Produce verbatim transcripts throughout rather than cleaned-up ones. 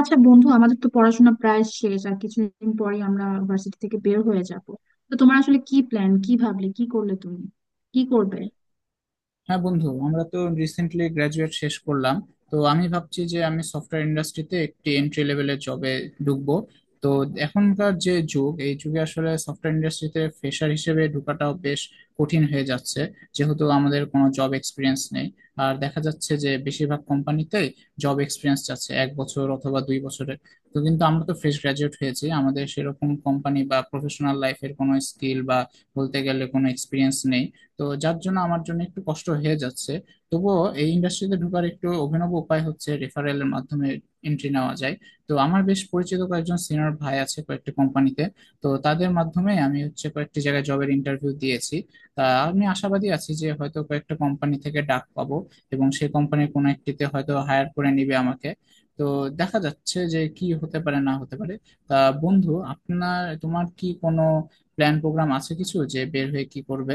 আচ্ছা বন্ধু, আমাদের তো পড়াশোনা প্রায় শেষ। আর কিছুদিন পরেই আমরা ভার্সিটি থেকে বের হয়ে যাব। তো তোমার আসলে কি প্ল্যান? কি ভাবলে, কি করলে তুমি, কি করবে? হ্যাঁ বন্ধু, আমরা তো রিসেন্টলি গ্রাজুয়েট শেষ করলাম। তো আমি ভাবছি যে আমি সফটওয়্যার ইন্ডাস্ট্রিতে একটি এন্ট্রি লেভেলের জবে ঢুকবো। তো এখনকার যে যুগ, এই যুগে আসলে সফটওয়্যার ইন্ডাস্ট্রিতে ফ্রেশার হিসেবে ঢোকাটাও বেশ কঠিন হয়ে যাচ্ছে, যেহেতু আমাদের কোনো জব এক্সপিরিয়েন্স নেই। আর দেখা যাচ্ছে যে বেশিরভাগ কোম্পানিতেই জব এক্সপিরিয়েন্স চাচ্ছে এক বছর অথবা দুই বছরের। তো কিন্তু আমরা তো ফ্রেশ গ্রাজুয়েট হয়েছি, আমাদের সেরকম কোম্পানি বা প্রফেশনাল লাইফের কোনো স্কিল বা বলতে গেলে কোনো এক্সপিরিয়েন্স নেই। তো যার জন্য আমার জন্য একটু কষ্ট হয়ে যাচ্ছে। তবুও এই ইন্ডাস্ট্রিতে ঢোকার একটু অভিনব উপায় হচ্ছে রেফারেলের মাধ্যমে এন্ট্রি নেওয়া যায়। তো আমার বেশ পরিচিত কয়েকজন সিনিয়র ভাই আছে কয়েকটি কোম্পানিতে। তো তাদের মাধ্যমে আমি হচ্ছে কয়েকটি জায়গায় জবের ইন্টারভিউ দিয়েছি। তা আমি আশাবাদী আছি যে হয়তো কয়েকটা কোম্পানি থেকে ডাক পাবো এবং সেই কোম্পানির কোনো একটিতে হয়তো হায়ার করে নিবে আমাকে। তো দেখা যাচ্ছে যে কি হতে পারে না হতে পারে। তা বন্ধু, আপনার তোমার কি কোনো প্ল্যান প্রোগ্রাম আছে কিছু যে বের হয়ে কি করবে?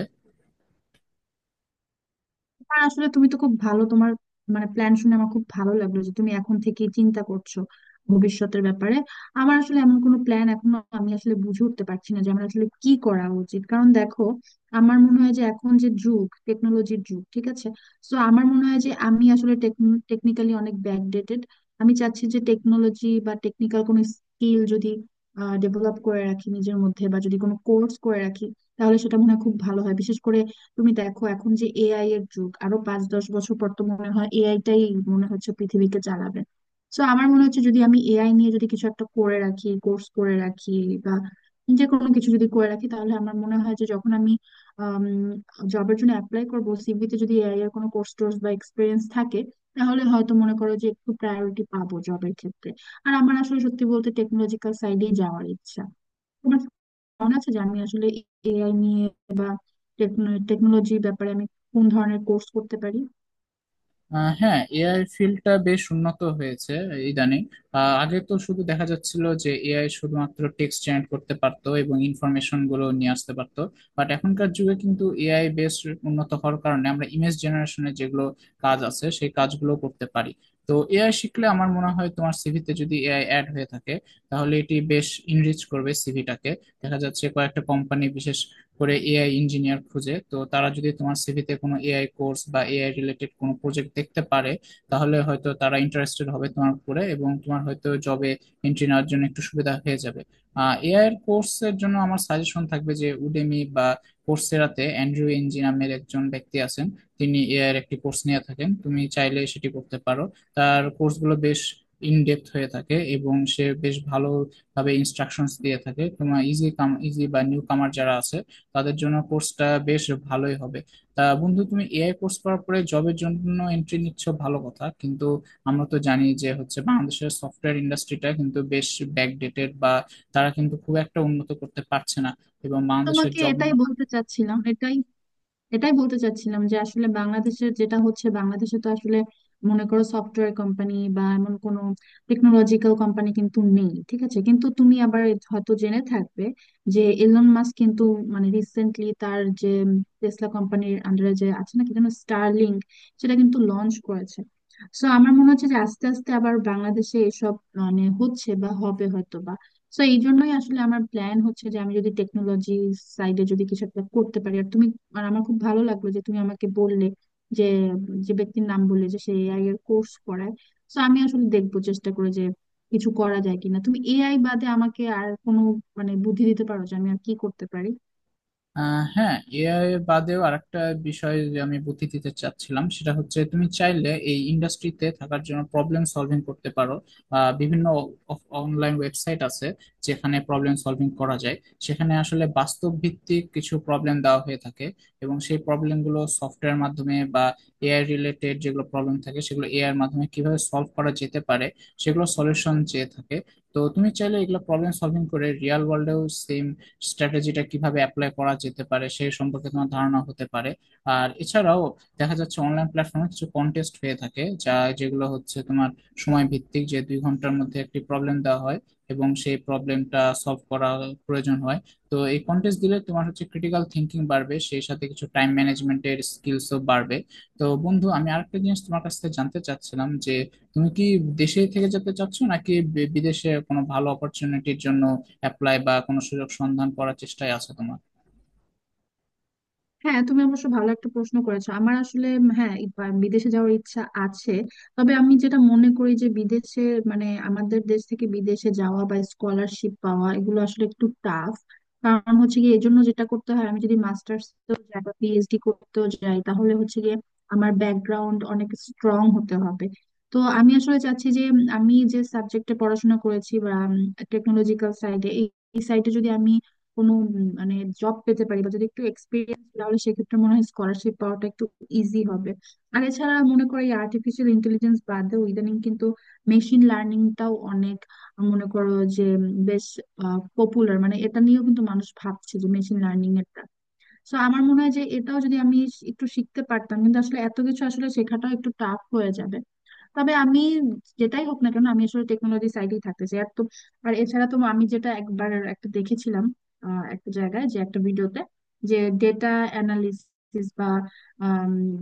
হ্যাঁ, আসলে তুমি তো খুব ভালো, তোমার মানে প্ল্যান শুনে আমার খুব ভালো লাগলো যে তুমি এখন থেকে চিন্তা করছো ভবিষ্যতের ব্যাপারে। আমার আসলে এমন কোনো প্ল্যান, এখনো আমি আসলে বুঝে উঠতে পারছি না যে আমার আসলে কি করা উচিত, কারণ দেখো, আমার মনে হয় যে এখন যে যুগ, টেকনোলজির যুগ, ঠিক আছে। তো আমার মনে হয় যে আমি আসলে টেকনিক্যালি অনেক ব্যাকডেটেড। আমি চাচ্ছি যে টেকনোলজি বা টেকনিক্যাল কোনো স্কিল যদি ডেভেলপ করে রাখি নিজের মধ্যে, বা যদি কোনো কোর্স করে রাখি, তাহলে সেটা মনে হয় খুব ভালো হয়। বিশেষ করে তুমি দেখো, এখন যে এআই এর যুগ, আরো পাঁচ দশ বছর পর তো মনে হয় এআই টাই মনে হচ্ছে পৃথিবীকে চালাবে। তো আমার মনে হচ্ছে যদি আমি এআই নিয়ে যদি কিছু একটা করে রাখি, কোর্স করে রাখি, বা যে কোনো কিছু যদি করে রাখি, তাহলে আমার মনে হয় যে যখন আমি জবের জন্য অ্যাপ্লাই করবো, সিভিতে যদি এআই এর কোনো কোর্স টোর্স বা এক্সপিরিয়েন্স থাকে, তাহলে হয়তো মনে করো যে একটু প্রায়োরিটি পাবো জবের ক্ষেত্রে। আর আমার আসলে সত্যি বলতে টেকনোলজিক্যাল সাইডেই যাওয়ার ইচ্ছা। মনে আছে যে আমি আসলে এআই নিয়ে বা টেকনোলজির ব্যাপারে আমি কোন ধরনের কোর্স করতে পারি? আহ, হ্যাঁ, এআই ফিল্ডটা বেশ উন্নত হয়েছে ইদানিং। আহ, আগে তো শুধু দেখা যাচ্ছিল যে এআই শুধুমাত্র টেক্সট জেনারেট করতে পারতো এবং ইনফরমেশন গুলো নিয়ে আসতে পারতো। বাট এখনকার যুগে কিন্তু এআই বেশ উন্নত হওয়ার কারণে আমরা ইমেজ জেনারেশনের যেগুলো কাজ আছে সেই কাজগুলো করতে পারি। তো এআই শিখলে আমার মনে হয় তোমার সিভিতে যদি এআই অ্যাড হয়ে থাকে, তাহলে এটি বেশ ইনরিচ করবে সিভিটাকে। দেখা যাচ্ছে কয়েকটা কোম্পানি বিশেষ করে এআই ইঞ্জিনিয়ার খুঁজে, তো তারা যদি তোমার সিভিতে কোনো এআই কোর্স বা এআই রিলেটেড কোনো প্রজেক্ট দেখতে পারে, তাহলে হয়তো তারা ইন্টারেস্টেড হবে তোমার উপরে এবং তোমার হয়তো জবে এন্ট্রি নেওয়ার জন্য একটু সুবিধা হয়ে যাবে। এআই এর কোর্সের জন্য আমার সাজেশন থাকবে যে উডেমি বা কোর্সেরাতে অ্যান্ড্রু ইঞ্জি নামের একজন ব্যক্তি আছেন, তিনি এআই এর একটি কোর্স নিয়ে থাকেন, তুমি চাইলে সেটি করতে পারো। তার কোর্সগুলো বেশ ইনডেপথ হয়ে থাকে এবং সে বেশ ভালোভাবে ইনস্ট্রাকশনস দিয়ে থাকে। তোমার ইজি কাম ইজি বা নিউ কামার যারা আছে তাদের জন্য কোর্সটা বেশ ভালোই হবে। তা বন্ধু, তুমি এআই কোর্স করার পরে জবের জন্য এন্ট্রি নিচ্ছ ভালো কথা, কিন্তু আমরা তো জানি যে হচ্ছে বাংলাদেশের সফটওয়্যার ইন্ডাস্ট্রিটা কিন্তু বেশ ব্যাকডেটেড বা তারা কিন্তু খুব একটা উন্নত করতে পারছে না এবং বাংলাদেশের তোমাকে জব। এটাই বলতে চাচ্ছিলাম। এটাই এটাই বলতে চাচ্ছিলাম যে আসলে বাংলাদেশের যেটা হচ্ছে, বাংলাদেশে তো আসলে মনে করো সফটওয়্যার কোম্পানি বা এমন কোনো টেকনোলজিক্যাল কোম্পানি কিন্তু নেই, ঠিক আছে? কিন্তু তুমি আবার হয়তো জেনে থাকবে যে এলন মাস্ক কিন্তু, মানে রিসেন্টলি তার যে টেসলা কোম্পানির আন্ডারে যে আছে না কি যেন, স্টারলিংক, সেটা কিন্তু লঞ্চ করেছে। সো আমার মনে হচ্ছে যে আস্তে আস্তে আবার বাংলাদেশে এসব মানে হচ্ছে বা হবে হয়তো। তো এই জন্যই আসলে আমার প্ল্যান হচ্ছে যে আমি যদি টেকনোলজি সাইডে যদি কিছু একটা করতে পারি। আর তুমি, আর আমার খুব ভালো লাগলো যে তুমি আমাকে বললে যে যে ব্যক্তির নাম বললে যে সে এআই এর কোর্স করায়, তো আমি আসলে দেখবো চেষ্টা করে যে কিছু করা যায় কিনা। তুমি এআই বাদে আমাকে আর কোনো মানে বুদ্ধি দিতে পারো যে আমি আর কি করতে পারি? আহ হ্যাঁ, এআই বাদেও আরেকটা বিষয় যে আমি বুদ্ধি দিতে চাচ্ছিলাম সেটা হচ্ছে তুমি চাইলে এই ইন্ডাস্ট্রিতে থাকার জন্য প্রবলেম সলভিং করতে পারো। আহ, বিভিন্ন অনলাইন ওয়েবসাইট আছে যেখানে প্রবলেম সলভিং করা যায়। সেখানে আসলে বাস্তব ভিত্তিক কিছু প্রবলেম দেওয়া হয়ে থাকে এবং সেই প্রবলেমগুলো সফটওয়্যার মাধ্যমে বা এআই রিলেটেড যেগুলো প্রবলেম থাকে সেগুলো এআই এর মাধ্যমে কিভাবে সলভ করা যেতে পারে সেগুলো সলিউশন চেয়ে থাকে। তো তুমি চাইলে এগুলো প্রবলেম সলভিং করে রিয়েল ওয়ার্ল্ডেও সেম স্ট্র্যাটেজিটা কিভাবে অ্যাপ্লাই করা যেতে পারে সেই সম্পর্কে তোমার ধারণা হতে পারে। আর এছাড়াও দেখা যাচ্ছে অনলাইন প্ল্যাটফর্মে কিছু কন্টেস্ট হয়ে থাকে যা যেগুলো হচ্ছে তোমার সময় ভিত্তিক, যে দুই ঘন্টার মধ্যে একটি প্রবলেম দেওয়া হয় এবং সেই প্রবলেমটা সলভ করা প্রয়োজন হয়। তো এই কন্টেস্ট দিলে তোমার হচ্ছে ক্রিটিক্যাল থিঙ্কিং বাড়বে, সেই সাথে কিছু টাইম ম্যানেজমেন্টের স্কিলসও বাড়বে। তো বন্ধু, আমি আরেকটা জিনিস তোমার কাছ থেকে জানতে চাচ্ছিলাম যে তুমি কি দেশে থেকে যেতে চাচ্ছ নাকি বি- বিদেশে কোনো ভালো অপরচুনিটির জন্য অ্যাপ্লাই বা কোনো সুযোগ সন্ধান করার চেষ্টায় আছো তোমার? হ্যাঁ, তুমি অবশ্য ভালো একটা প্রশ্ন করেছো। আমার আসলে উম, হ্যাঁ, ই- বা- বিদেশে যাওয়ার ইচ্ছা আছে। তবে আমি যেটা মনে করি যে বিদেশে, মানে আমাদের দেশ থেকে বিদেশে যাওয়া বা স্কলারশিপ পাওয়া এগুলো আসলে একটু টাফ। কারণ হচ্ছে গিয়ে এর জন্য যেটা করতে হয়, আমি যদি মাস্টার্স যাই বা পি এইচ ডি করতেও যাই, তাহলে হচ্ছে গিয়ে আমার ব্যাকগ্রাউন্ড অনেক স্ট্রং হতে হবে। তো আমি আসলে চাচ্ছি যে উম, আমি যে সাবজেক্টে পড়াশোনা করেছি, বা টেকনোলজিক্যাল সাইডে, এই সাইডে যদি আমি কোনো উম, মানে জব পেতে পারি বা যদি একটু এক্সপিরিয়েন্স, তাহলে সেক্ষেত্রে মনে হয় স্কলারশিপ পাওয়াটা একটু ইজি হবে। আর এছাড়া মনে করো, এই আর্টিফিশিয়াল ইন্টেলিজেন্স বাদেও ইদানিং কিন্তু মেশিন লার্নিংটাও অনেক, আহ, মনে করো যে উম, বেশ পপুলার, মানে এটা নিয়েও কিন্তু মানুষ ভাবছে, যে মেশিন লার্নিং এরটা। তো আমার মনে হয় যে এটাও যদি আমি একটু শিখতে পারতাম, কিন্তু আসলে এত কিছু আসলে শেখাটাও একটু টাফ হয়ে যাবে। তবে আমি, যেটাই হোক না কেন, আমি আসলে টেকনোলজি সাইডেই থাকতে চাই। আর তো, আর এছাড়া তো আমি যেটা একবার একটা দেখেছিলাম আহ, একটা জায়গায়, যে একটা ভিডিওতে, যে ডেটা অ্যানালিসিস বা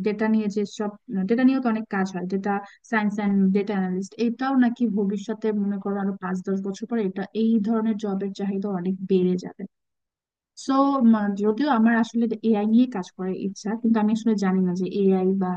ডেটা নিয়ে, যে সব ডেটা নিয়েও তো অনেক কাজ হয়, data science and data analyst, এটাও নাকি ভবিষ্যতে মনে করো আরো পাঁচ দশ বছর পরে এটা এই ধরনের জবের চাহিদা অনেক বেড়ে যাবে। সো যদিও আমার আসলে এআই নিয়ে কাজ করার ইচ্ছা, কিন্তু আমি আসলে জানি না যে এআই বা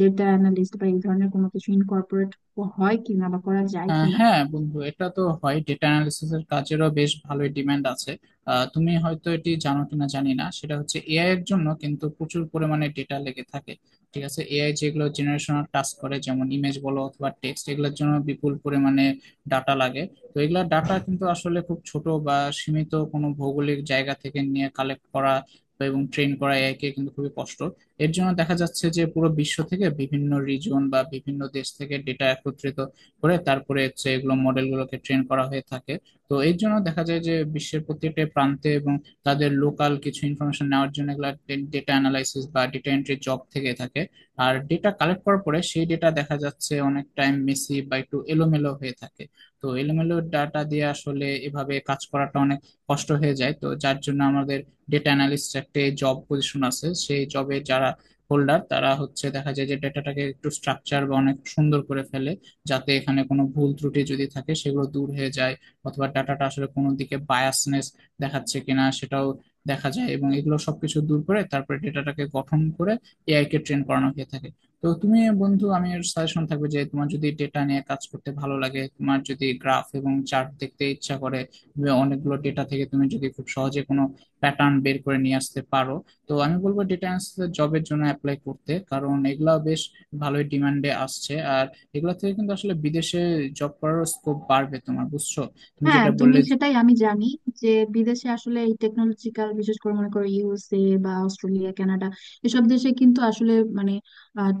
ডেটা অ্যানালিস্ট বা এই ধরনের কোনো কিছু ইনকর্পোরেট হয় কিনা বা করা যায় আহ কিনা। হ্যাঁ বন্ধু, এটা তো হয়, ডেটা অ্যানালিসিস এর কাজেরও বেশ ভালোই ডিমান্ড আছে। আহ, তুমি হয়তো এটি জানো কিনা জানি না, সেটা হচ্ছে এআই এর জন্য কিন্তু প্রচুর পরিমাণে ডেটা লেগে থাকে। ঠিক আছে, এআই যেগুলো জেনারেশনাল টাস্ক করে যেমন ইমেজ বলো অথবা টেক্সট, এগুলোর জন্য বিপুল পরিমাণে ডাটা লাগে। তো এগুলা ডাটা কিন্তু আসলে খুব ছোট বা সীমিত কোনো ভৌগোলিক জায়গা থেকে নিয়ে কালেক্ট করা বা এবং ট্রেন করা এআই কে কিন্তু খুবই কষ্ট। এর জন্য দেখা যাচ্ছে যে পুরো বিশ্ব থেকে বিভিন্ন রিজন বা বিভিন্ন দেশ থেকে ডেটা একত্রিত করে তারপরে হচ্ছে এগুলো মডেলগুলোকে ট্রেন করা হয়ে থাকে। তো এর জন্য দেখা যায় যে বিশ্বের প্রত্যেকটা প্রান্তে এবং তাদের লোকাল কিছু ইনফরমেশন নেওয়ার জন্য এগুলো ডেটা অ্যানালাইসিস বা ডেটা এন্ট্রি জব থেকে থাকে। আর ডেটা কালেক্ট করার পরে সেই ডেটা দেখা যাচ্ছে অনেক টাইম মেসি বা একটু এলোমেলো হয়ে থাকে। তো এলোমেলো ডাটা দিয়ে আসলে এভাবে কাজ করাটা অনেক কষ্ট হয়ে যায়, তো যার জন্য আমাদের ডেটা অ্যানালিস্ট একটা জব পজিশন আছে, সেই জবে যারা হোল্ডার তারা হচ্ছে দেখা যায় যে ডেটাটাকে একটু স্ট্রাকচার বা অনেক সুন্দর করে ফেলে, যাতে এখানে কোনো ভুল ত্রুটি যদি থাকে সেগুলো দূর হয়ে যায়, অথবা ডাটাটা আসলে কোনো দিকে বায়াসনেস দেখাচ্ছে কিনা সেটাও দেখা যায় এবং এগুলো সবকিছু দূর করে তারপরে ডেটাটাকে গঠন করে এআই কে ট্রেন করানো হয়ে থাকে। তো তুমি বন্ধু, আমি সাজেশন থাকবে যে তোমার যদি ডেটা নিয়ে কাজ করতে ভালো লাগে, তোমার যদি গ্রাফ এবং চার্ট দেখতে ইচ্ছা করে, তুমি অনেকগুলো ডেটা থেকে তুমি যদি খুব সহজে কোনো প্যাটার্ন বের করে নিয়ে আসতে পারো, তো আমি বলবো ডেটা অ্যানালিসিস জবের জন্য অ্যাপ্লাই করতে, কারণ এগুলা বেশ ভালোই ডিমান্ডে আসছে আর এগুলা থেকে কিন্তু আসলে বিদেশে জব করার স্কোপ বাড়বে তোমার, বুঝছো তুমি হ্যাঁ যেটা তুমি, বললে। সেটাই আমি জানি যে বিদেশে আসলে এই টেকনোলজিক্যাল, বিশেষ করে মনে করো ইউ এস এ বা অস্ট্রেলিয়া, কানাডা, এসব দেশে কিন্তু আসলে মানে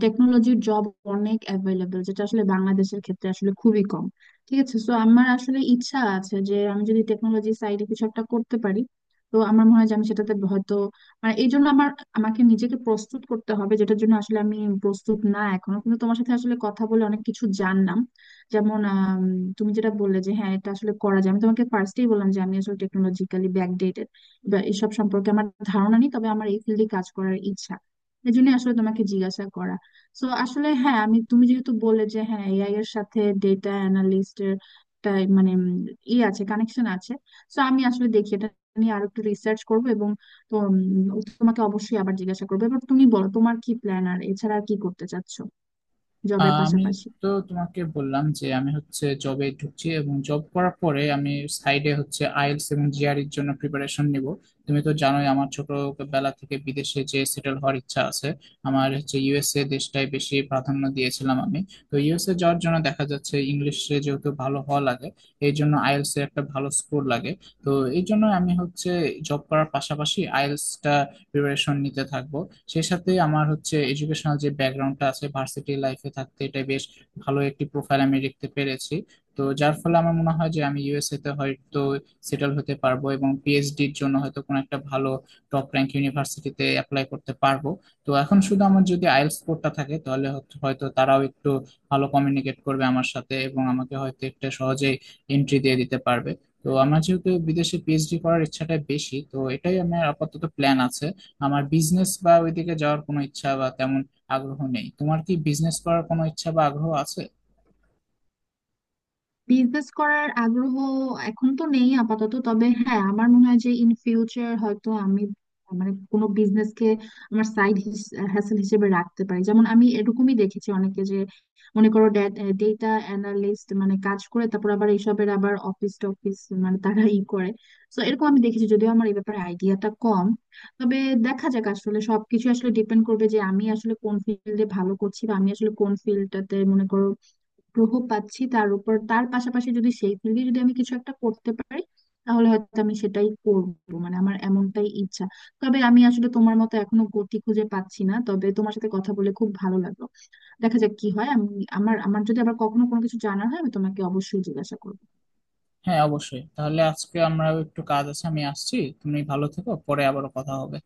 টেকনোলজির জব অনেক অ্যাভেলেবল, যেটা আসলে বাংলাদেশের ক্ষেত্রে আসলে খুবই কম, ঠিক আছে। সো আমার আসলে ইচ্ছা আছে যে আমি যদি টেকনোলজি সাইডে কিছু একটা করতে পারি। তো আমার মনে হয় যে আমি সেটাতে হয়তো, মানে এই জন্য আমার, আমাকে নিজেকে প্রস্তুত করতে হবে, যেটার জন্য আসলে আমি প্রস্তুত না এখনো, কিন্তু তোমার সাথে আসলে কথা বলে অনেক কিছু জানলাম। যেমন আম, তুমি যেটা বললে যে হ্যাঁ এটা আসলে করা যায়। আমি তোমাকে ফার্স্টেই বললাম যে আমি আসলে টেকনোলজিক্যালি ব্যাকডেটেড বা এসব সম্পর্কে আমার ধারণা নেই, তবে আমার এই ফিল্ডে কাজ করার ইচ্ছা, এই জন্য আসলে তোমাকে জিজ্ঞাসা করা। তো আসলে হ্যাঁ, আমি, তুমি যেহেতু বললে যে হ্যাঁ এআই এর সাথে ডেটা অ্যানালিস্টের মানে উম, ই আছে, কানেকশন আছে। তো আমি আসলে দেখি এটা নিয়ে আরো একটু রিসার্চ করবো। এবং তো উম, তোমাকে অবশ্যই আবার জিজ্ঞাসা করবো। এবার তুমি বলো, তোমার কি প্ল্যান, আর এছাড়া আর কি করতে চাচ্ছো জবের আহ, আমি পাশাপাশি? তো তোমাকে বললাম যে আমি হচ্ছে জবে ঢুকছি এবং জব করার পরে আমি সাইডে হচ্ছে আইএলটিএস এবং জিআরইর জন্য প্রিপারেশন নিব। তুমি তো জানোই আমার ছোটবেলা থেকে বিদেশে যে সেটেল হওয়ার ইচ্ছা আছে। আমার হচ্ছে ইউএসএ দেশটাই বেশি প্রাধান্য দিয়েছিলাম আমি। তো ইউএসএ যাওয়ার জন্য দেখা যাচ্ছে ইংলিশে যেহেতু ভালো হওয়া লাগে, এই জন্য আইএলটিএস এর একটা ভালো স্কোর লাগে। তো এই জন্য আমি হচ্ছে জব করার পাশাপাশি আইএলটিএস টা প্রিপারেশন নিতে থাকবো। সেই সাথে আমার হচ্ছে এডুকেশনাল যে ব্যাকগ্রাউন্ডটা আছে ভার্সিটি লাইফে থাকতে, এটা বেশ ভালো একটি প্রোফাইল আমি দেখতে পেরেছি। তো যার ফলে আমার মনে হয় যে আমি ইউএসএ তে হয়তো সেটেল হতে পারবো এবং পিএইচডির জন্য হয়তো কোনো একটা ভালো টপ র্যাঙ্ক ইউনিভার্সিটিতে অ্যাপ্লাই করতে পারবো। তো এখন শুধু আমার যদি আইএলটিএস স্কোরটা থাকে তাহলে হয়তো হয়তো তারাও একটু ভালো কমিউনিকেট করবে আমার সাথে এবং আমাকে হয়তো একটা সহজেই এন্ট্রি দিয়ে দিতে পারবে। তো আমার যেহেতু বিদেশে পিএইচডি করার ইচ্ছাটা বেশি, তো এটাই আমার আপাতত প্ল্যান আছে। আমার বিজনেস বা ওইদিকে যাওয়ার কোনো ইচ্ছা বা তেমন আগ্রহ নেই। তোমার কি বিজনেস করার কোনো ইচ্ছা বা আগ্রহ আছে? বিজনেস করার আগ্রহ এখন তো নেই আপাতত। তবে হ্যাঁ, আমার মনে হয় যে ইন ফিউচার হয়তো আমি, মানে কোনো বিজনেস কে আমার সাইড হ্যাসেল হিসেবে রাখতে পারি। যেমন আমি এরকমই দেখেছি, অনেকে যে মনে করো ডেটা অ্যানালিস্ট মানে কাজ করে, তারপর আবার এইসবের আবার অফিস টফিস মানে তারা ই করে। তো এরকম আমি দেখেছি, যদিও আমার এই ব্যাপারে আইডিয়াটা কম। তবে দেখা যাক, আসলে সবকিছু আসলে ডিপেন্ড করবে যে আমি আসলে কোন ফিল্ডে ভালো করছি বা আমি আসলে কোন ফিল্ডটাতে মনে করো আগ্রহ পাচ্ছি, তার উপর। তার পাশাপাশি যদি সেই থেকে যদি আমি কিছু একটা করতে পারি, তাহলে হয়তো আমি সেটাই করবো, মানে আমার এমনটাই ইচ্ছা। তবে আমি আসলে তোমার মতো এখনো গতি খুঁজে পাচ্ছি না, তবে তোমার সাথে কথা বলে খুব ভালো লাগলো। দেখা যাক কি হয়। আমি, আমার আমার যদি আবার কখনো কোনো কিছু জানার হয় আমি তোমাকে অবশ্যই জিজ্ঞাসা করবো। হ্যাঁ অবশ্যই, তাহলে আজকে আমরাও একটু কাজ আছে, আমি আসছি। তুমি ভালো থেকো, পরে আবারও কথা হবে।